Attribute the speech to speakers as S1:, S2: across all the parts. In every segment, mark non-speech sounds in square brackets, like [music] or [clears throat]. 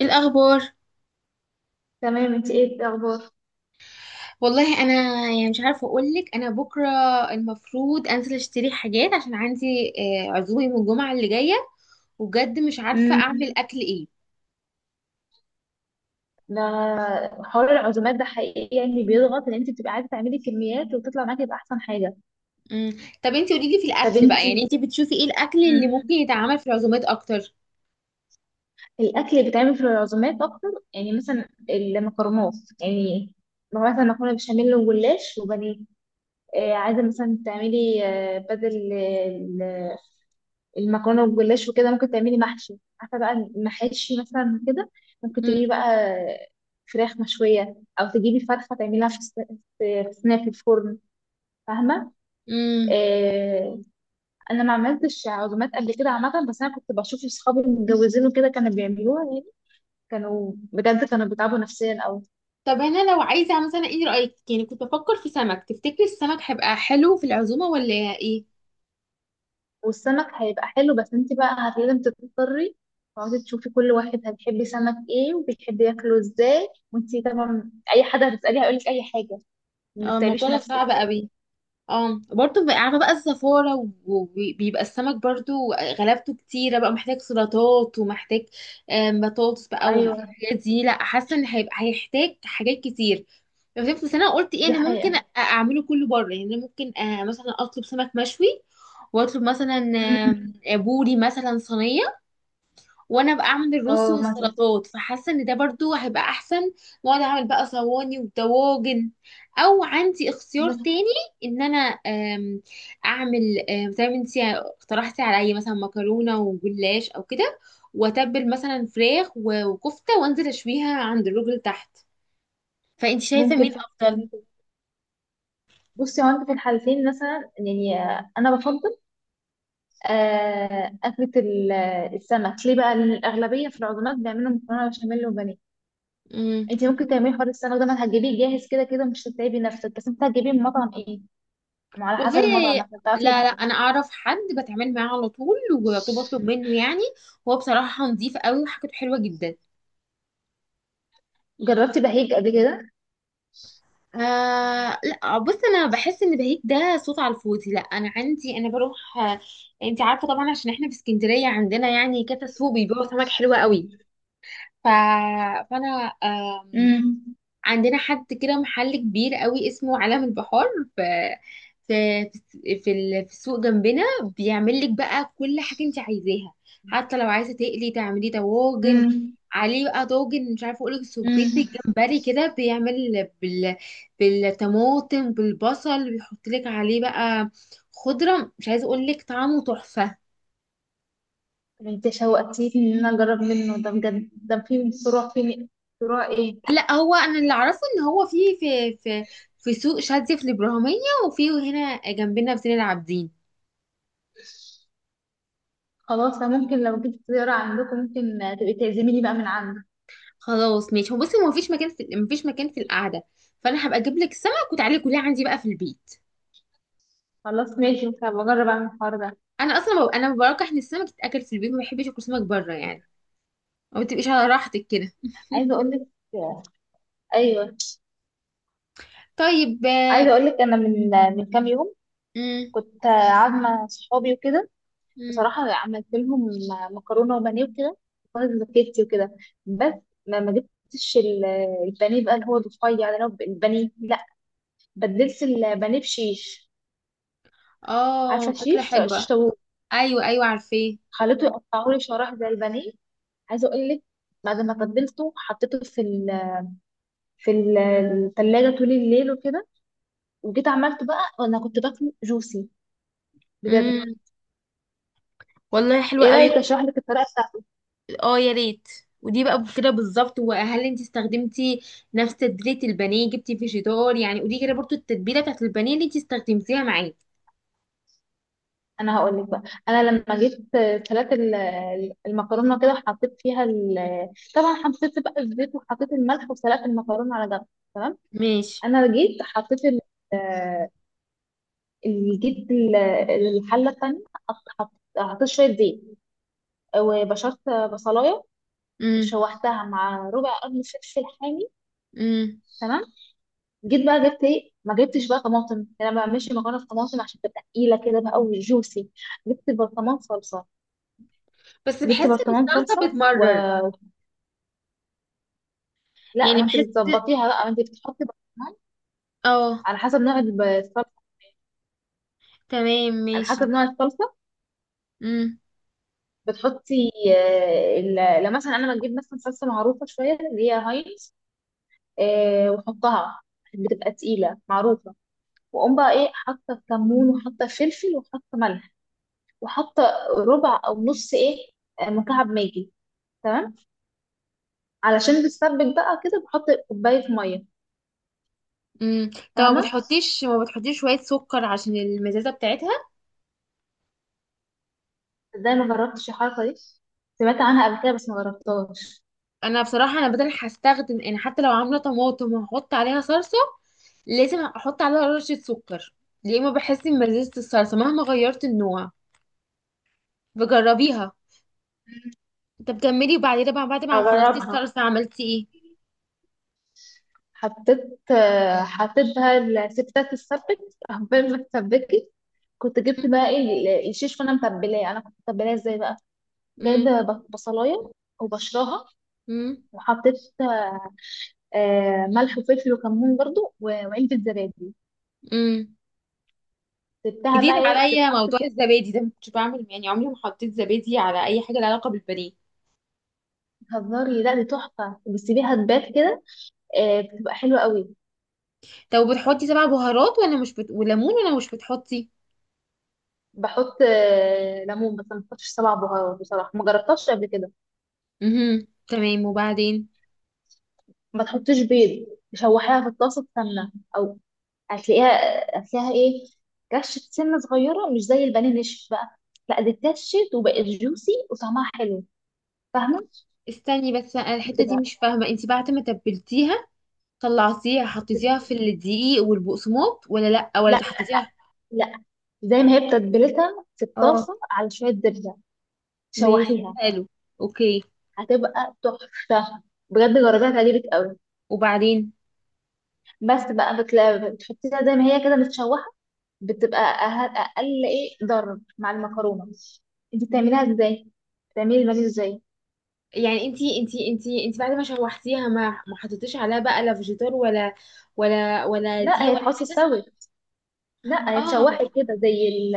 S1: إيه الاخبار؟
S2: تمام، انت ايه الاخبار؟
S1: والله انا يعني مش عارفه اقول لك، انا بكره المفروض انزل اشتري حاجات عشان عندي عزومه يوم الجمعه اللي جايه، وبجد مش عارفه اعمل
S2: امم
S1: اكل ايه.
S2: ده حوار العزومات ده حقيقي يعني بيضغط ان انت بتبقى عايزه تعملي كميات وتطلع معاكي باحسن حاجه.
S1: مم. طب انتي قولي لي في
S2: طب
S1: الاكل
S2: انت
S1: بقى، يعني انتي بتشوفي ايه الاكل اللي
S2: امم
S1: ممكن يتعمل في العزومات اكتر؟
S2: الاكل اللي بيتعمل في العزومات اكتر يعني مثلا المكرونات. يعني لو مثلا مكرونه بشاميل وجلاش وبانيه. عايزه مثلا تعملي بدل المكرونه والجلاش وكده ممكن تعملي محشي، عارفه بقى المحاشي مثلا كده. ممكن
S1: مم.
S2: تجيبي بقى فراخ مشويه او تجيبي فرخه تعمليها في صينيه في الفرن. فاهمه؟
S1: مم.
S2: آه انا ما عملتش عزومات قبل كده عامه، بس انا كنت بشوف اصحابي المتجوزين وكده كانوا بيعملوها يعني، كانوا بجد كانوا بيتعبوا نفسيا قوي.
S1: طب انا لو عايزه مثلا، ايه رايك؟ يعني كنت بفكر في سمك، تفتكري السمك هيبقى حلو في العزومه ولا ايه؟
S2: والسمك هيبقى حلو بس انت بقى لازم تضطري تقعدي تشوفي كل واحد هتحبي سمك ايه وبيحب ياكله ازاي، وانت طبعا اي حد هتساليه هيقول لك اي حاجه. ما
S1: اه، الموضوع
S2: تتعبيش
S1: ده
S2: نفسك.
S1: صعب قوي. اه برضه عارفه بقى الزفاره، وبيبقى السمك برضه غلبته كتيره، بقى محتاج سلطات ومحتاج بطاطس بقى
S2: ايوه،
S1: والحاجات دي. لا، حاسه ان هيبقى هيحتاج حاجات كتير. فهمت، بس انا قلت ايه،
S2: دي
S1: انا ممكن
S2: حقيقة.
S1: اعمله كله بره، يعني أنا ممكن مثلا اطلب سمك مشوي، واطلب مثلا
S2: مم.
S1: آم، آه، بوري مثلا صينيه، وانا بقى اعمل الرز
S2: اه، مثلا.
S1: والسلطات، فحاسه ان ده برضو هيبقى احسن. واقعد اعمل بقى صواني ودواجن، او عندي اختيار
S2: عندك
S1: تاني،
S2: حق.
S1: ان انا آم، اعمل زي ما انتي اقترحتي عليا مثلا مكرونه وجلاش او كده، واتبل مثلا فراخ وكفته وانزل اشويها عند الراجل تحت. فانت شايفه
S2: ممكن
S1: مين
S2: فعلا
S1: افضل؟
S2: تعمل كده. بصي هو انت في الحالتين مثلا يعني انا بفضل آه، اكلة ال- السمك ليه بقى، لأن الاغلبية في العزومات بيعملوا مكرونة بشاميل وبانيه.
S1: امم
S2: انت ممكن تعملي حوار السمك ده، ما هتجيبيه جاهز كده كده مش هتتعبي نفسك. بس انت هتجيبيه من مطعم ايه؟ ما على حسب
S1: والله،
S2: المطعم مثلا تعرفي
S1: لا
S2: يبقى
S1: لا، انا
S2: إيه.
S1: اعرف حد بتعامل معاه على طول وبطلب منه يعني، هو بصراحه نظيف قوي وحاجته حلوه جدا.
S2: جربتي بهيج قبل كده؟
S1: آه لا، بص انا بحس ان بهيج ده صوت على الفاضي. لا انا عندي، انا بروح. انت عارفه طبعا، عشان احنا في اسكندريه عندنا يعني كذا سوق بيبيعوا سمك حلوه قوي. ف... فانا
S2: امم.
S1: عندنا حد كده، محل كبير قوي اسمه عالم البحار، في في في السوق جنبنا، بيعمل لك بقى كل حاجة انت عايزاها. حتى لو عايزة تقلي تعملي طواجن عليه بقى، طاجن مش عارفة اقولك، سبيت
S2: امم.
S1: الجمبري كده بيعمل بالطماطم بالبصل، بيحط لك عليه بقى خضرة، مش عايزة اقولك طعمه تحفة.
S2: طب انت شوقتيني ان انا اجرب منه ده بجد. ده في فروع ايه؟
S1: لا، هو انا اللي اعرفه ان هو في سوق شاذلي في الابراهيمية، وفي هنا جنبنا في سن العابدين.
S2: خلاص، انا ممكن لو جيت زيارة عندكم ممكن تبقي تعزميني بقى من عندك.
S1: خلاص ماشي، هو بصي هو مفيش مكان في، مفيش مكان في القعده، فانا هبقى اجيب لك سمك وتعالي كلها عندي بقى في البيت.
S2: خلاص ماشي، ممكن أبقى اجرب اعمل الحوار ده.
S1: انا اصلا انا برجح ان السمك يتاكل في البيت، ما بحبش اكل سمك بره يعني، ما بتبقيش على راحتك كده.
S2: عايزه اقول لك. ايوه.
S1: طيب.
S2: عايزه اقول لك انا من كام يوم
S1: مم.
S2: كنت قاعده مع صحابي وكده،
S1: مم.
S2: بصراحه عملت لهم مكرونه وبانيه وكده، وخلاص زكيتي وكده. بس ما جبتش البانيه بقى، اللي هو الرفيع ده، اللي هو البانيه. لا، بدلت البانيه بشيش.
S1: اه،
S2: عارفه
S1: فكره
S2: الشيش، شيش
S1: حلوه.
S2: طاووق.
S1: ايوه ايوه، عارفاه.
S2: خليته يقطعه لي شرايح زي البانيه. عايزه اقول لك، بعد ما تبلته حطيته في الثلاجه طول الليل وكده. وجيت عملته بقى وانا كنت باكله جوسي، بجد.
S1: امم والله حلوة
S2: ايه
S1: قوي.
S2: رايك اشرح لك الطريقه بتاعته؟
S1: اه يا ريت. ودي بقى كده بالظبط، وهل انت استخدمتي نفس تتبيله البانيه؟ جبتي فيجيتار يعني؟ ودي كده برضو التتبيله بتاعت البانيه اللي انت استخدمتيها معاه؟
S2: انا هقول لك بقى. انا لما جيت سلقت المكرونه كده طبعا حطيت بقى الزيت وحطيت الملح وسلقت المكرونه على جنب. تمام.
S1: ماشي.
S2: انا جيت حطيت ال- جيت ال- الحله التانيه، حطيت شويه زيت وبشرت بصلايه، شوحتها مع ربع قرن فلفل حامي.
S1: امم
S2: تمام. جيت بقى جبت ايه، ما جبتش بقى طماطم، انا ما بعملش مكرونه بطماطم عشان تبقى تقيله كده بقى وجوسي. جبت برطمان صلصه.
S1: بس
S2: جبت
S1: بحس ان
S2: برطمان
S1: الصلصة
S2: صلصه
S1: بتمرر.
S2: ولا. ما
S1: يعني
S2: انت
S1: بحس.
S2: بتظبطيها بقى، ما انت بتحطي برطمان
S1: اه،
S2: على حسب نوع الصلصه،
S1: تمام
S2: على
S1: ماشي.
S2: حسب نوع الصلصه.
S1: امم.
S2: بتحطي لو مثلا انا ما اجيب مثلا صلصه معروفه شويه اللي هي هاينز، واحطها، بتبقى تقيله معروفه. واقوم بقى ايه حاطه كمون وحاطه فلفل وحاطه ملح وحاطه ربع او نص ايه، مكعب ماجي. تمام. علشان بتسبك بقى كده بحط كوبايه ميه.
S1: امم. طب ما
S2: فاهمه؟
S1: بتحطيش، ما بتحطيش شوية سكر عشان المزازة بتاعتها؟
S2: ازاي ما جربتش الحركه دي؟ سمعت عنها قبل كده بس ما جربتهاش.
S1: انا بصراحة انا بدل هستخدم يعني، حتى لو عاملة طماطم وهحط عليها صلصة، لازم احط عليها رشة سكر. يا اما بحس ان مزازة الصلصة مهما غيرت النوع، بجربيها. طب كملي، وبعدين بقى بعد ما خلصتي
S2: هجربها.
S1: الصلصة عملتي ايه؟
S2: حطيت بقى، الستات تتسبك عقبال ما تتسبكي. كنت جبت بقى ايه الشيش وانا متبلاه. انا كنت متبلاه ازاي بقى؟
S1: امم.
S2: جايبه بصلايه وبشرها،
S1: امم.
S2: وحطيت ملح وفلفل وكمون برضو و- وعلبه زبادي.
S1: امم
S2: سبتها
S1: جديد
S2: بقى ايه
S1: عليا
S2: تتحط.
S1: موضوع الزبادي ده، ما كنتش بعمل يعني، عمري ما حطيت زبادي على اي حاجه لها علاقه بالبانيه.
S2: هزاري، لا دي تحفة، بتسيبيها تبات كده، بتبقى حلوة قوي.
S1: طب بتحطي سبع بهارات ولا مش بت... وليمون، ولا مش بتحطي؟
S2: بحط ليمون بس ما بحطش سبع بهارات، بصراحة ما جربتهاش قبل كده.
S1: امم، تمام. وبعدين؟
S2: ما تحطيش بيض. تشوحيها في الطاسة سمنة أو هتلاقيها هتلاقيها إيه؟ كشة سنة صغيرة مش زي البانيه نشف بقى. لا، دي اتكشت وبقت جوسي وطعمها حلو. فاهمة؟
S1: استني بس، أنا الحته دي
S2: بتبقى
S1: مش فاهمه، انت بعد ما تبلتيها طلعتيها حطيتيها في
S2: بت-
S1: الدقيق والبقسماط، ولا لا، ولا
S2: لا
S1: حطيتيها؟
S2: لا، زي ما هي بتتبلتها في
S1: اه
S2: الطاسة على شوية زبدة.
S1: ماشي
S2: شوحيها.
S1: حلو. اوكي،
S2: هتبقى تحفة، بجد جربيها تعجبك قوي.
S1: وبعدين؟
S2: بس بقى بتحطيها زي ما هي كده متشوحة. بتبقى أقل إيه، ضرب مع المكرونة. أنت بتعمليها إزاي؟ بتعملي البانيه إزاي؟
S1: يعني انت بعد ما شوحتيها ما حطيتيش عليها بقى لا فيجيتار ولا
S2: لا،
S1: دقيق
S2: هي
S1: ولا
S2: تحطي
S1: حاجه؟
S2: استوت. لا، هي
S1: اه
S2: اتشوحت كده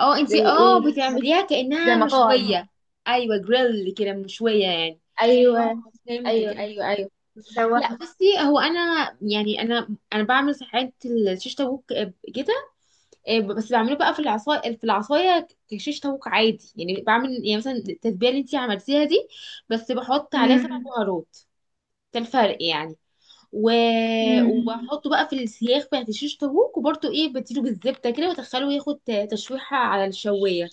S1: اه،
S2: زي
S1: انتي
S2: إيه؟
S1: بتعمليها
S2: زي
S1: كأنها
S2: مطاعم.
S1: مشوية؟ ايوه، جريل كده، مشوية يعني.
S2: أيوه،
S1: اه فهمتك،
S2: أيوه،
S1: ايوه ايوه. لا
S2: متشوحة.
S1: بصي، هو انا يعني، انا بعمل ساعات الشيش طاووق كده، بس بعمله بقى في العصايه، في العصايه كشيش طاووق عادي يعني، بعمل يعني مثلا التتبيله اللي انتي عملتيها دي، بس بحط عليها سبع
S2: مم.
S1: بهارات، ده الفرق يعني. و...
S2: مم.
S1: وبحطه بقى في السياخ بتاعت الشيش طاووق، وبرده ايه، بديله بالزبده كده وادخله ياخد تشويحه على الشوايه.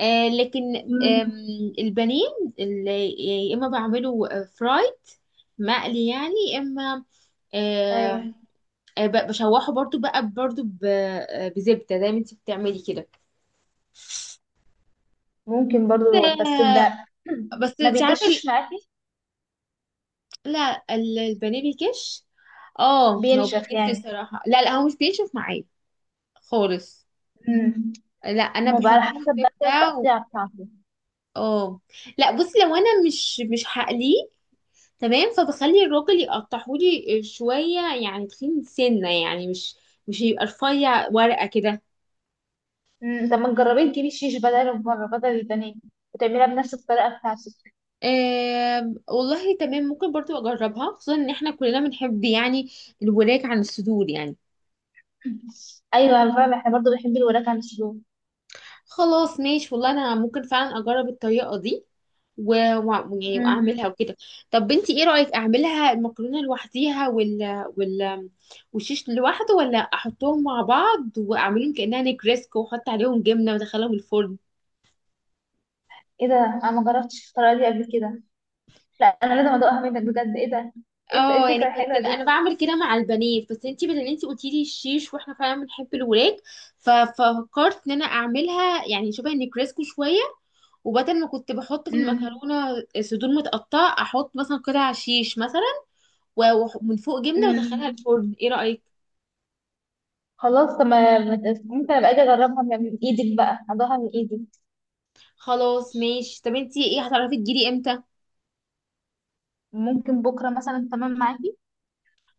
S1: آه لكن
S2: مم.
S1: آم، البانيه اللي يا اما بعمله فرايد، مقلي يعني، يا اما آه،
S2: أيوه.
S1: بشوحه برضو بقى، بزبدة زي ما انت بتعملي كده.
S2: ممكن برضو، بس
S1: آه،
S2: ده
S1: بس
S2: [clears throat] ما
S1: انت عارفة ال-
S2: بيكشش معاكي.
S1: لا ال- البانيه بيكش. اه ما هو
S2: بينشف
S1: بيكش
S2: يعني.
S1: الصراحة، لا لا، هو مش بينشف معايا خالص.
S2: مم.
S1: لا انا
S2: ما بقى
S1: بحط
S2: على
S1: له
S2: حسب بقى
S1: الزبدة.
S2: التقطيع بتاعته.
S1: اه لا بصي، لو انا مش هقليه، تمام، فبخلي الراجل يقطعهولي شوية يعني تخين سنة يعني، مش مش يبقى رفيع ورقة كده.
S2: مم، طب ما تجربي تجيبي شيش بدل البانيه وتعملها بنفس الطريقة بتاعتك.
S1: والله تمام، ممكن برضو اجربها، خصوصا ان احنا كلنا بنحب يعني الوراك عن الصدور يعني.
S2: [laughs] أيوة، أنا فاهمة، احنا برضه بنحب الوراك عن الشروب.
S1: خلاص ماشي، والله انا ممكن فعلا اجرب الطريقة دي، و... و... يعني واعملها
S2: مم.
S1: وكده. طب بنتي ايه رأيك، اعملها المكرونة لوحديها وال والشيش لوحده، ولا احطهم مع بعض واعملهم كأنها نجريسكو واحط عليهم جبنة وادخلهم الفرن؟
S2: ايه ده، أنا ما جربتش الطريقة دي قبل كده. لا أنا لازم أدوقها منك بجد. ايه ده؟ إيه
S1: اه،
S2: الفكرة
S1: يعني كنت
S2: الحلوة دي؟
S1: انا بعمل كده مع البنات، بس انتي بدل، انتي قلتي لي الشيش واحنا فعلا بنحب الوراك، ففكرت ان انا اعملها يعني شبه النجريسكو شويه، وبدل ما كنت بحط في
S2: مم.
S1: المكرونه صدور متقطعه، احط مثلا قطع شيش مثلا، ومن فوق جبنه وادخلها
S2: مم.
S1: الفرن. ايه رايك؟
S2: خلاص، طب ما ما ت- ممكن أبقى أجي أجربها من إيدك بقى، أدوقها من إيدك.
S1: خلاص ماشي. طب انتي ايه، هتعرفي تجيلي امتى؟
S2: ممكن بكرة مثلا، تمام معاكي.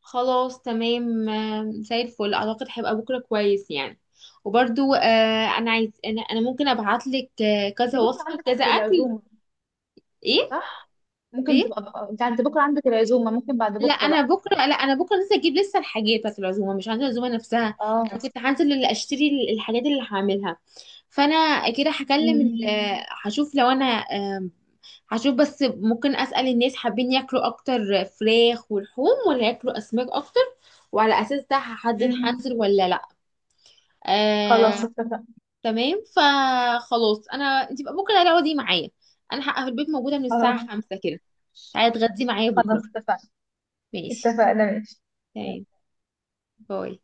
S1: خلاص تمام. زي الفل، اعتقد هيبقى بكره كويس يعني. وبرده انا عايز انا انا ممكن ابعت لك
S2: أنت
S1: كذا
S2: بكرة
S1: وصفه
S2: عندك
S1: كذا اكل.
S2: العزومة،
S1: ايه؟
S2: صح؟ ممكن
S1: ايه؟
S2: تبقى أنت بكرة عندك العزومة، ممكن بعد
S1: لا
S2: بكرة
S1: انا
S2: بقى.
S1: بكره لا انا بكره لسه اجيب لسه الحاجات بتاعت العزومه، مش هنزل العزومه نفسها.
S2: اه.
S1: انا كنت هنزل اللي اشتري الحاجات اللي هعملها. فانا كده هكلم
S2: مم.
S1: هشوف لو انا، هشوف بس، ممكن اسال الناس حابين ياكلوا اكتر فراخ ولحوم، ولا ياكلوا اسماك اكتر، وعلى اساس ده هحدد
S2: مم.
S1: هنزل ولا لا. آه،
S2: خلاص اتفقنا.
S1: تمام، فخلاص، انا انت بقى بكره تعالي اقعدي معايا، انا هبقى في البيت موجوده من الساعه
S2: خلاص.
S1: 5 كده. تعالي اتغدي معايا بكره.
S2: خلاص اتفقنا،
S1: ماشي،
S2: اتفقنا، ماشي.
S1: تمام. باي.